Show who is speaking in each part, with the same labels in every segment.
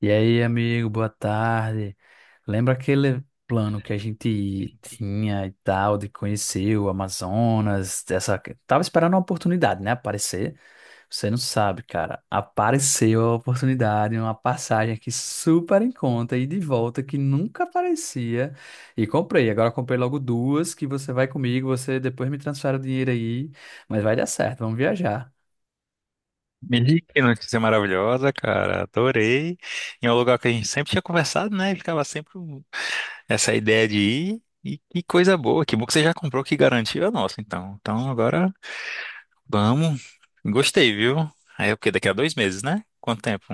Speaker 1: E aí, amigo, boa tarde. Lembra aquele plano que a gente tinha e tal, de conhecer o Amazonas? Tava esperando uma oportunidade, né? Aparecer. Você não sabe, cara. Apareceu a oportunidade, uma passagem aqui super em conta e de volta que nunca aparecia. E comprei. Agora comprei logo duas que você vai comigo, você depois me transfere o dinheiro aí. Mas vai dar certo, vamos viajar.
Speaker 2: Menino, que notícia maravilhosa, cara. Adorei. E é um lugar que a gente sempre tinha conversado, né? Ficava sempre essa ideia de ir. E que coisa boa. Que bom que você já comprou, que garantiu é nossa, então. Então agora vamos. Gostei, viu? Aí é porque daqui a 2 meses, né? Quanto tempo?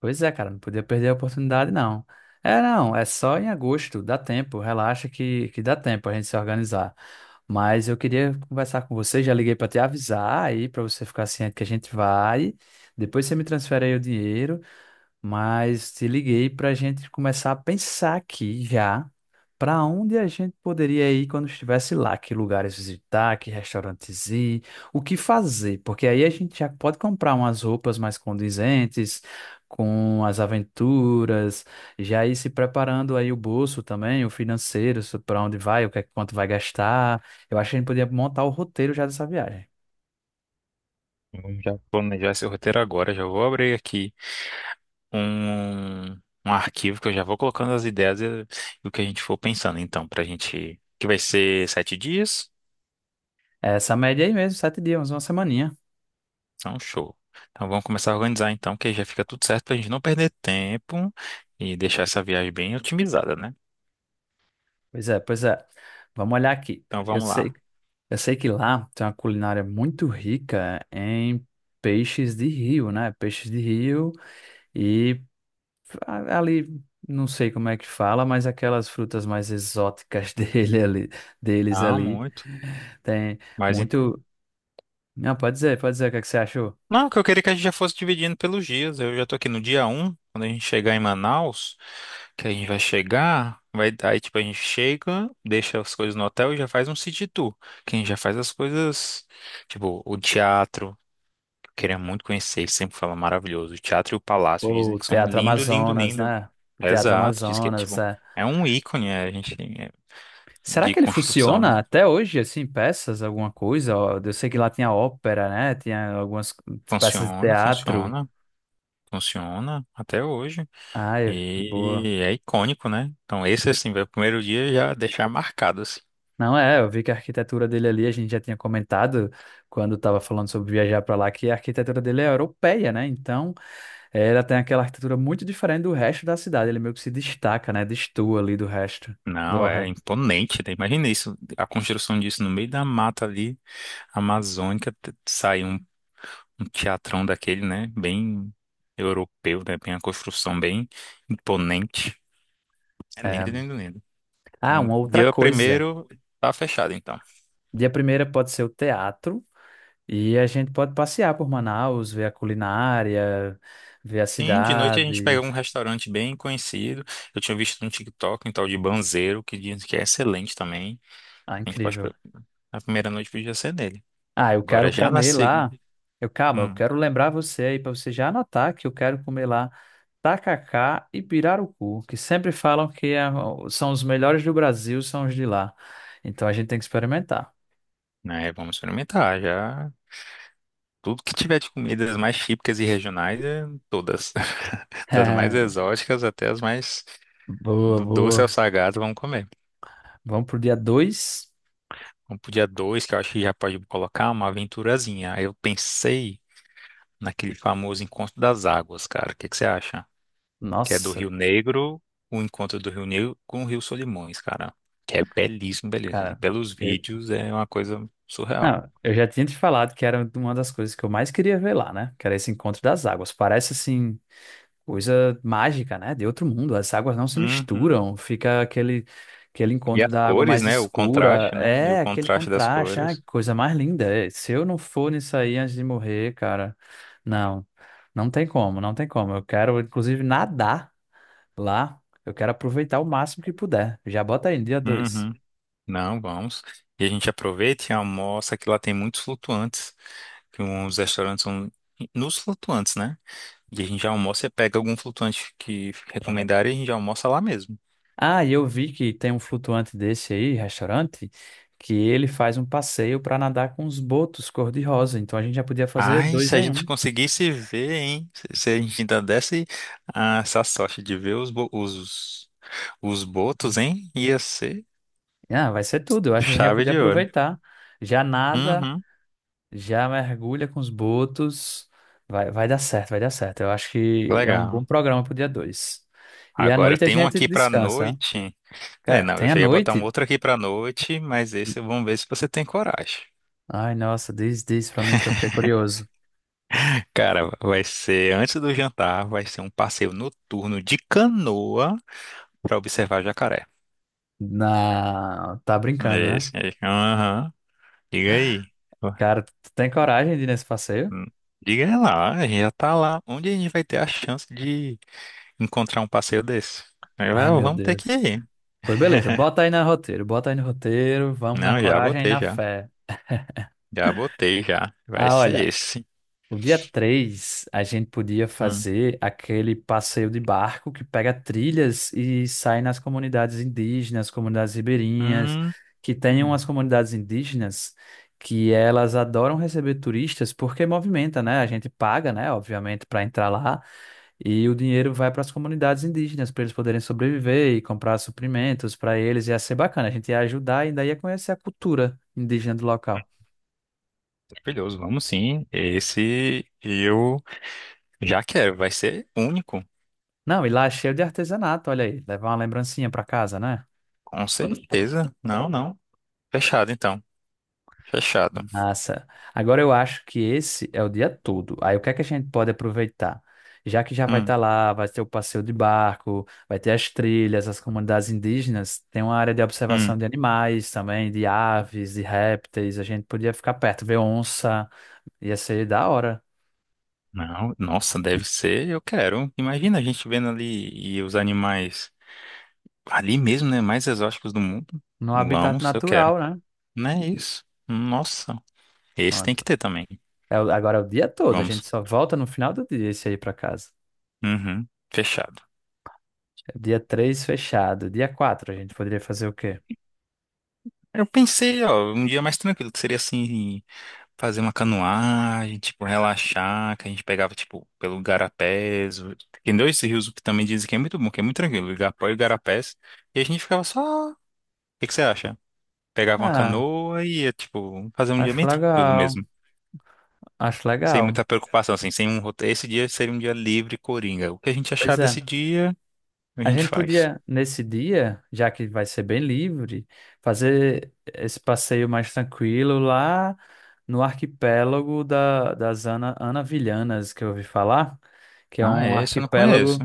Speaker 1: Pois é, cara, não podia perder a oportunidade, não. É, não, é só em agosto, dá tempo, relaxa que dá tempo a gente se organizar. Mas eu queria conversar com você, já liguei para te avisar aí, para você ficar ciente que a gente vai. Depois você me transfere aí o dinheiro, mas te liguei para a gente começar a pensar aqui já para onde a gente poderia ir quando estivesse lá, que lugares visitar, que restaurantes ir, o que fazer, porque aí a gente já pode comprar umas roupas mais condizentes com as aventuras, já ir se preparando aí o bolso também, o financeiro, para onde vai, o que é quanto vai gastar. Eu acho que a gente podia montar o roteiro já dessa viagem.
Speaker 2: Vamos já planejar esse roteiro agora. Já vou abrir aqui um, um arquivo que eu já vou colocando as ideias e o que a gente for pensando, então, pra gente. Que vai ser 7 dias.
Speaker 1: Essa média aí mesmo, 7 dias, uma semaninha.
Speaker 2: Então, show. Então, vamos começar a organizar então, que aí já fica tudo certo pra gente não perder tempo e deixar essa viagem bem otimizada, né?
Speaker 1: Pois é, pois é. Vamos olhar aqui.
Speaker 2: Então,
Speaker 1: Eu
Speaker 2: vamos lá.
Speaker 1: sei, eu sei que lá tem uma culinária muito rica em peixes de rio, né? Peixes de rio e ali, não sei como é que fala, mas aquelas frutas mais exóticas dele ali, deles
Speaker 2: Ah,
Speaker 1: ali.
Speaker 2: muito.
Speaker 1: Tem
Speaker 2: Mas, ent-
Speaker 1: muito. Não, pode dizer o que é que você achou?
Speaker 2: não, que eu queria é que a gente já fosse dividindo pelos dias. Eu já tô aqui no dia 1 quando a gente chegar em Manaus, que a gente vai chegar, vai, aí tipo a gente chega, deixa as coisas no hotel e já faz um city tour, que a gente já faz as coisas, tipo, o teatro. Queria muito conhecer, ele sempre fala maravilhoso. O teatro e o palácio dizem
Speaker 1: O
Speaker 2: que são
Speaker 1: Teatro
Speaker 2: lindo, lindo,
Speaker 1: Amazonas,
Speaker 2: lindo.
Speaker 1: né? O Teatro
Speaker 2: Exato, diz que é
Speaker 1: Amazonas,
Speaker 2: tipo,
Speaker 1: é.
Speaker 2: é um ícone, é, a gente é,
Speaker 1: Será
Speaker 2: de
Speaker 1: que ele
Speaker 2: construção, né?
Speaker 1: funciona até hoje, assim, peças, alguma coisa? Ó, eu sei que lá tinha ópera, né? Tinha algumas peças de
Speaker 2: Funciona,
Speaker 1: teatro.
Speaker 2: funciona, funciona até hoje.
Speaker 1: Ai, boa.
Speaker 2: E é icônico, né? Então esse assim, vai o primeiro dia já deixar marcado assim.
Speaker 1: Não é, eu vi que a arquitetura dele ali, a gente já tinha comentado quando estava falando sobre viajar para lá, que a arquitetura dele é europeia, né? Então, ela tem aquela arquitetura muito diferente do resto da cidade. Ele meio que se destaca, né? Destoa ali do resto do
Speaker 2: Não, é
Speaker 1: Ohad.
Speaker 2: imponente, né? Imagina isso, a construção disso no meio da mata ali, amazônica, sair um teatrão daquele, né? Bem europeu, né? Bem a construção bem imponente. É
Speaker 1: É,
Speaker 2: lindo,
Speaker 1: amigo.
Speaker 2: lindo, lindo.
Speaker 1: Ah,
Speaker 2: Então,
Speaker 1: uma outra
Speaker 2: dia
Speaker 1: coisa.
Speaker 2: primeiro tá fechado, então.
Speaker 1: Dia primeira pode ser o teatro. E a gente pode passear por Manaus, ver a culinária, ver a
Speaker 2: Sim, de noite a gente
Speaker 1: cidade.
Speaker 2: pega um restaurante bem conhecido. Eu tinha visto no TikTok um tal de Banzeiro, que diz que é excelente também.
Speaker 1: Ah,
Speaker 2: A gente pode...
Speaker 1: incrível.
Speaker 2: A primeira noite podia ser nele.
Speaker 1: Ah, eu quero
Speaker 2: Agora já na
Speaker 1: comer
Speaker 2: segunda...
Speaker 1: lá. Eu, calma, eu
Speaker 2: Hum,
Speaker 1: quero lembrar você aí para você já anotar que eu quero comer lá tacacá e pirarucu, que sempre falam que são os melhores do Brasil, são os de lá. Então a gente tem que experimentar.
Speaker 2: né? Vamos experimentar, já... Tudo que tiver de comidas mais típicas e regionais, é todas. Das mais exóticas até as mais
Speaker 1: Boa,
Speaker 2: do doce ao
Speaker 1: boa.
Speaker 2: salgado, vamos comer.
Speaker 1: Vamos pro dia 2.
Speaker 2: Vamos pro dia 2 que eu acho que já pode colocar uma aventurazinha. Aí eu pensei naquele famoso encontro das águas, cara. O que que você acha? Que é do
Speaker 1: Nossa,
Speaker 2: Rio Negro, o encontro do Rio Negro com o Rio Solimões, cara. Que é belíssimo, belíssimo. Assim,
Speaker 1: cara.
Speaker 2: pelos vídeos é uma coisa surreal.
Speaker 1: Não, eu já tinha te falado que era uma das coisas que eu mais queria ver lá, né? Que era esse encontro das águas. Parece assim, coisa mágica, né? De outro mundo. As águas não se
Speaker 2: Uhum.
Speaker 1: misturam, fica aquele
Speaker 2: E
Speaker 1: encontro
Speaker 2: as
Speaker 1: da água
Speaker 2: cores,
Speaker 1: mais
Speaker 2: né? O
Speaker 1: escura.
Speaker 2: contraste, né? E o
Speaker 1: É, aquele
Speaker 2: contraste das
Speaker 1: contraste. Ai, que
Speaker 2: cores.
Speaker 1: coisa mais linda. É, se eu não for nisso aí antes de morrer, cara, não, não tem como, não tem como. Eu quero, inclusive, nadar lá. Eu quero aproveitar o máximo que puder. Já bota aí, dia 2.
Speaker 2: Uhum. Não, vamos. E a gente aproveita e almoça, que lá tem muitos flutuantes. Que uns restaurantes são nos flutuantes, né? E a gente já almoça, você pega algum flutuante que recomendarem e a gente já almoça lá mesmo.
Speaker 1: Ah, e eu vi que tem um flutuante desse aí, restaurante, que ele faz um passeio para nadar com os botos cor-de-rosa. Então a gente já podia fazer
Speaker 2: Ai,
Speaker 1: dois
Speaker 2: se a
Speaker 1: em
Speaker 2: gente
Speaker 1: um.
Speaker 2: conseguisse ver, hein? Se a gente ainda desse ah, essa sorte de ver os botos, hein? Ia ser
Speaker 1: Ah, vai ser tudo. Eu acho que a gente já
Speaker 2: chave
Speaker 1: podia
Speaker 2: de ouro.
Speaker 1: aproveitar. Já nada,
Speaker 2: Uhum,
Speaker 1: já mergulha com os botos. Vai, vai dar certo, vai dar certo. Eu acho que é um bom
Speaker 2: legal.
Speaker 1: programa pro dia 2. E à
Speaker 2: Agora
Speaker 1: noite a
Speaker 2: tem um
Speaker 1: gente
Speaker 2: aqui pra
Speaker 1: descansa, né?
Speaker 2: noite. É,
Speaker 1: Cara,
Speaker 2: não, eu
Speaker 1: tem a
Speaker 2: já ia botar um
Speaker 1: noite?
Speaker 2: outro aqui pra noite, mas esse vamos ver se você tem coragem.
Speaker 1: Ai, nossa, diz, diz pra mim que eu fiquei curioso.
Speaker 2: Cara, vai ser antes do jantar, vai ser um passeio noturno de canoa pra observar jacaré.
Speaker 1: Na... Tá brincando,
Speaker 2: É
Speaker 1: né?
Speaker 2: esse aí. Aham. Diga aí.
Speaker 1: Cara, tu tem coragem de ir nesse passeio?
Speaker 2: Hum. Diga lá, a gente já tá lá. Onde a gente vai ter a chance de encontrar um passeio desse? Aí, vai,
Speaker 1: Ai, meu
Speaker 2: vamos ter
Speaker 1: Deus.
Speaker 2: que ir.
Speaker 1: Pois beleza, bota aí no roteiro, bota aí no roteiro, vamos na
Speaker 2: Não, já
Speaker 1: coragem e
Speaker 2: botei
Speaker 1: na
Speaker 2: já.
Speaker 1: fé.
Speaker 2: Já botei já. Vai
Speaker 1: Ah, olha,
Speaker 2: ser esse.
Speaker 1: o dia 3 a gente podia
Speaker 2: Hum.
Speaker 1: fazer aquele passeio de barco que pega trilhas e sai nas comunidades indígenas, comunidades ribeirinhas,
Speaker 2: Hum.
Speaker 1: que tem umas
Speaker 2: Hum.
Speaker 1: comunidades indígenas que elas adoram receber turistas porque movimenta, né? A gente paga, né, obviamente, para entrar lá, e o dinheiro vai para as comunidades indígenas, para eles poderem sobreviver e comprar suprimentos para eles. Ia ser bacana, a gente ia ajudar e ainda ia conhecer a cultura indígena do local.
Speaker 2: Maravilhoso, vamos sim. Esse eu já quero. Vai ser único,
Speaker 1: Não, e lá é cheio de artesanato, olha aí, levar uma lembrancinha para casa, né?
Speaker 2: com certeza. Não, não. Fechado então. Fechado.
Speaker 1: Massa. Agora eu acho que esse é o dia todo. Aí o que é que a gente pode aproveitar? Já que já vai
Speaker 2: Hum.
Speaker 1: estar lá, vai ter o passeio de barco, vai ter as trilhas, as comunidades indígenas, tem uma área de
Speaker 2: Hum.
Speaker 1: observação de animais também, de aves, de répteis, a gente podia ficar perto, ver onça. Ia ser da hora.
Speaker 2: Não, nossa, deve ser, eu quero. Imagina a gente vendo ali e os animais ali mesmo, né, mais exóticos do mundo.
Speaker 1: No habitat
Speaker 2: Vamos, eu quero.
Speaker 1: natural, né?
Speaker 2: Não é isso. Nossa, esse tem
Speaker 1: Pronto.
Speaker 2: que ter também.
Speaker 1: É, agora é o dia todo, a gente
Speaker 2: Vamos.
Speaker 1: só volta no final do dia esse aí pra casa.
Speaker 2: Uhum, fechado.
Speaker 1: Dia 3 fechado. Dia 4 a gente poderia fazer o quê?
Speaker 2: Eu pensei, ó, um dia mais tranquilo, que seria assim, fazer uma canoagem, tipo, relaxar, que a gente pegava, tipo, pelo Tem dois rios que também dizem que é muito bom, que é muito tranquilo, o Igapó e o Garapés. E a gente ficava só. O que que você acha? Pegava uma
Speaker 1: Ah,
Speaker 2: canoa e ia, tipo, fazer um dia
Speaker 1: acho
Speaker 2: bem tranquilo
Speaker 1: legal.
Speaker 2: mesmo.
Speaker 1: Acho
Speaker 2: Sem
Speaker 1: legal.
Speaker 2: muita preocupação, assim, sem um roteiro. Esse dia seria um dia livre, coringa. O que a gente achar
Speaker 1: Pois é.
Speaker 2: desse dia, a
Speaker 1: A
Speaker 2: gente
Speaker 1: gente
Speaker 2: faz.
Speaker 1: podia, nesse dia, já que vai ser bem livre, fazer esse passeio mais tranquilo lá no arquipélago das Anavilhanas, que eu ouvi falar, que é
Speaker 2: Ah,
Speaker 1: um
Speaker 2: é? Esse eu não conheço.
Speaker 1: arquipélago,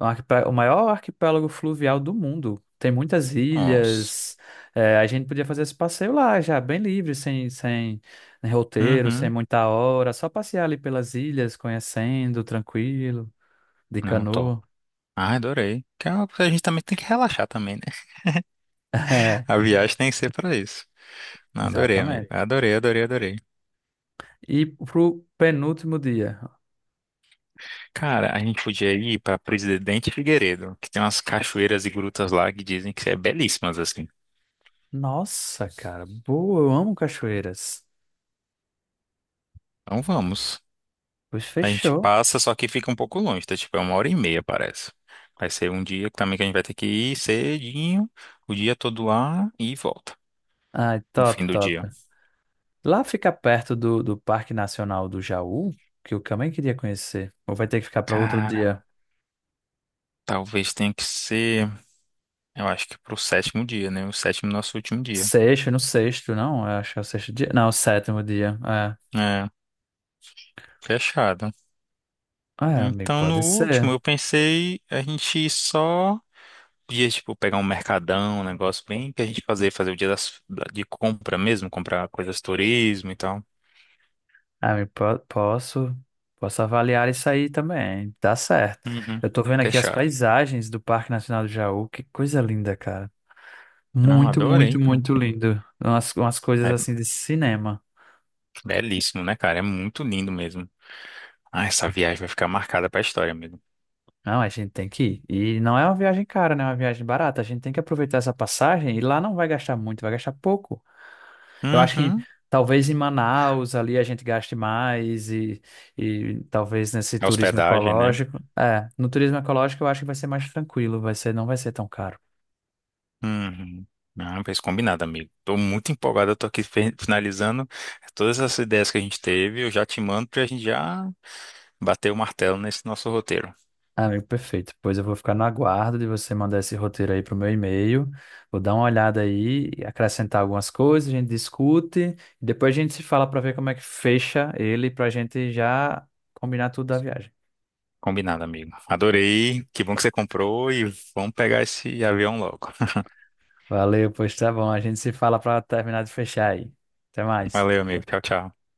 Speaker 1: o maior arquipélago fluvial do mundo. Tem muitas
Speaker 2: Nossa.
Speaker 1: ilhas. É, a gente podia fazer esse passeio lá, já bem livre, sem roteiro, sem
Speaker 2: Uhum.
Speaker 1: muita hora, só passear ali pelas ilhas, conhecendo, tranquilo, de
Speaker 2: Não, top.
Speaker 1: canoa.
Speaker 2: Ah, adorei. Que é uma coisa que a gente também tem que relaxar também, né?
Speaker 1: É,
Speaker 2: A viagem tem que ser pra isso. Não, adorei, amigo.
Speaker 1: exatamente.
Speaker 2: Adorei, adorei, adorei.
Speaker 1: E pro penúltimo dia.
Speaker 2: Cara, a gente podia ir pra Presidente Figueiredo, que tem umas cachoeiras e grutas lá que dizem que é belíssimas, assim.
Speaker 1: Nossa, cara, boa, eu amo cachoeiras.
Speaker 2: Então vamos.
Speaker 1: Pois
Speaker 2: A gente
Speaker 1: fechou.
Speaker 2: passa, só que fica um pouco longe, tá? Tipo, é 1 hora e meia, parece. Vai ser um dia também que a gente vai ter que ir cedinho, o dia todo lá e volta
Speaker 1: Ai,
Speaker 2: no
Speaker 1: top,
Speaker 2: fim do
Speaker 1: top.
Speaker 2: dia.
Speaker 1: Lá fica perto do Parque Nacional do Jaú, que eu também queria conhecer. Ou vai ter que ficar para outro
Speaker 2: Cara,
Speaker 1: dia?
Speaker 2: talvez tenha que ser, eu acho que pro sétimo dia, né? O sétimo nosso último dia.
Speaker 1: Sexto, no sexto, não? Eu acho que é o sexto dia. Não, o sétimo dia. É.
Speaker 2: É, fechado.
Speaker 1: Ah, é, amigo,
Speaker 2: Então,
Speaker 1: pode
Speaker 2: no último,
Speaker 1: ser.
Speaker 2: eu pensei a gente ir só dias tipo, pegar um mercadão, um negócio bem que a gente fazer, fazer o dia de compra mesmo, comprar coisas de turismo e tal.
Speaker 1: Ah, amigo, posso avaliar isso aí também. Tá certo.
Speaker 2: Uhum.
Speaker 1: Eu tô vendo aqui as
Speaker 2: Fechado.
Speaker 1: paisagens do Parque Nacional do Jaú. Que coisa linda, cara.
Speaker 2: Não,
Speaker 1: Muito,
Speaker 2: adorei,
Speaker 1: muito,
Speaker 2: então.
Speaker 1: muito lindo. Umas coisas
Speaker 2: É
Speaker 1: assim de cinema.
Speaker 2: belíssimo, né, cara? É muito lindo mesmo. Ah, essa viagem vai ficar marcada pra história, amigo.
Speaker 1: Não, a gente tem que ir. E não é uma viagem cara, né? É uma viagem barata. A gente tem que aproveitar essa passagem e lá não vai gastar muito, vai gastar pouco. Eu acho que
Speaker 2: Uhum.
Speaker 1: talvez em Manaus ali a gente gaste mais e talvez nesse
Speaker 2: A
Speaker 1: turismo
Speaker 2: hospedagem, né?
Speaker 1: ecológico. É, no turismo ecológico eu acho que vai ser mais tranquilo, vai ser, não vai ser tão caro.
Speaker 2: Uhum. Não, fez combinado, amigo. Tô muito empolgado, eu tô aqui finalizando todas essas ideias que a gente teve. Eu já te mando pra gente já bater o martelo nesse nosso roteiro.
Speaker 1: Amigo, perfeito. Pois eu vou ficar no aguardo de você mandar esse roteiro aí pro meu e-mail. Vou dar uma olhada aí, acrescentar algumas coisas, a gente discute e depois a gente se fala para ver como é que fecha ele para a gente já combinar tudo da viagem.
Speaker 2: Combinado, amigo. Adorei. Que bom que você comprou e vamos pegar esse avião logo.
Speaker 1: Valeu, pois tá bom. A gente se fala para terminar de fechar aí. Até mais.
Speaker 2: Valeu, amigo. Tchau, tchau.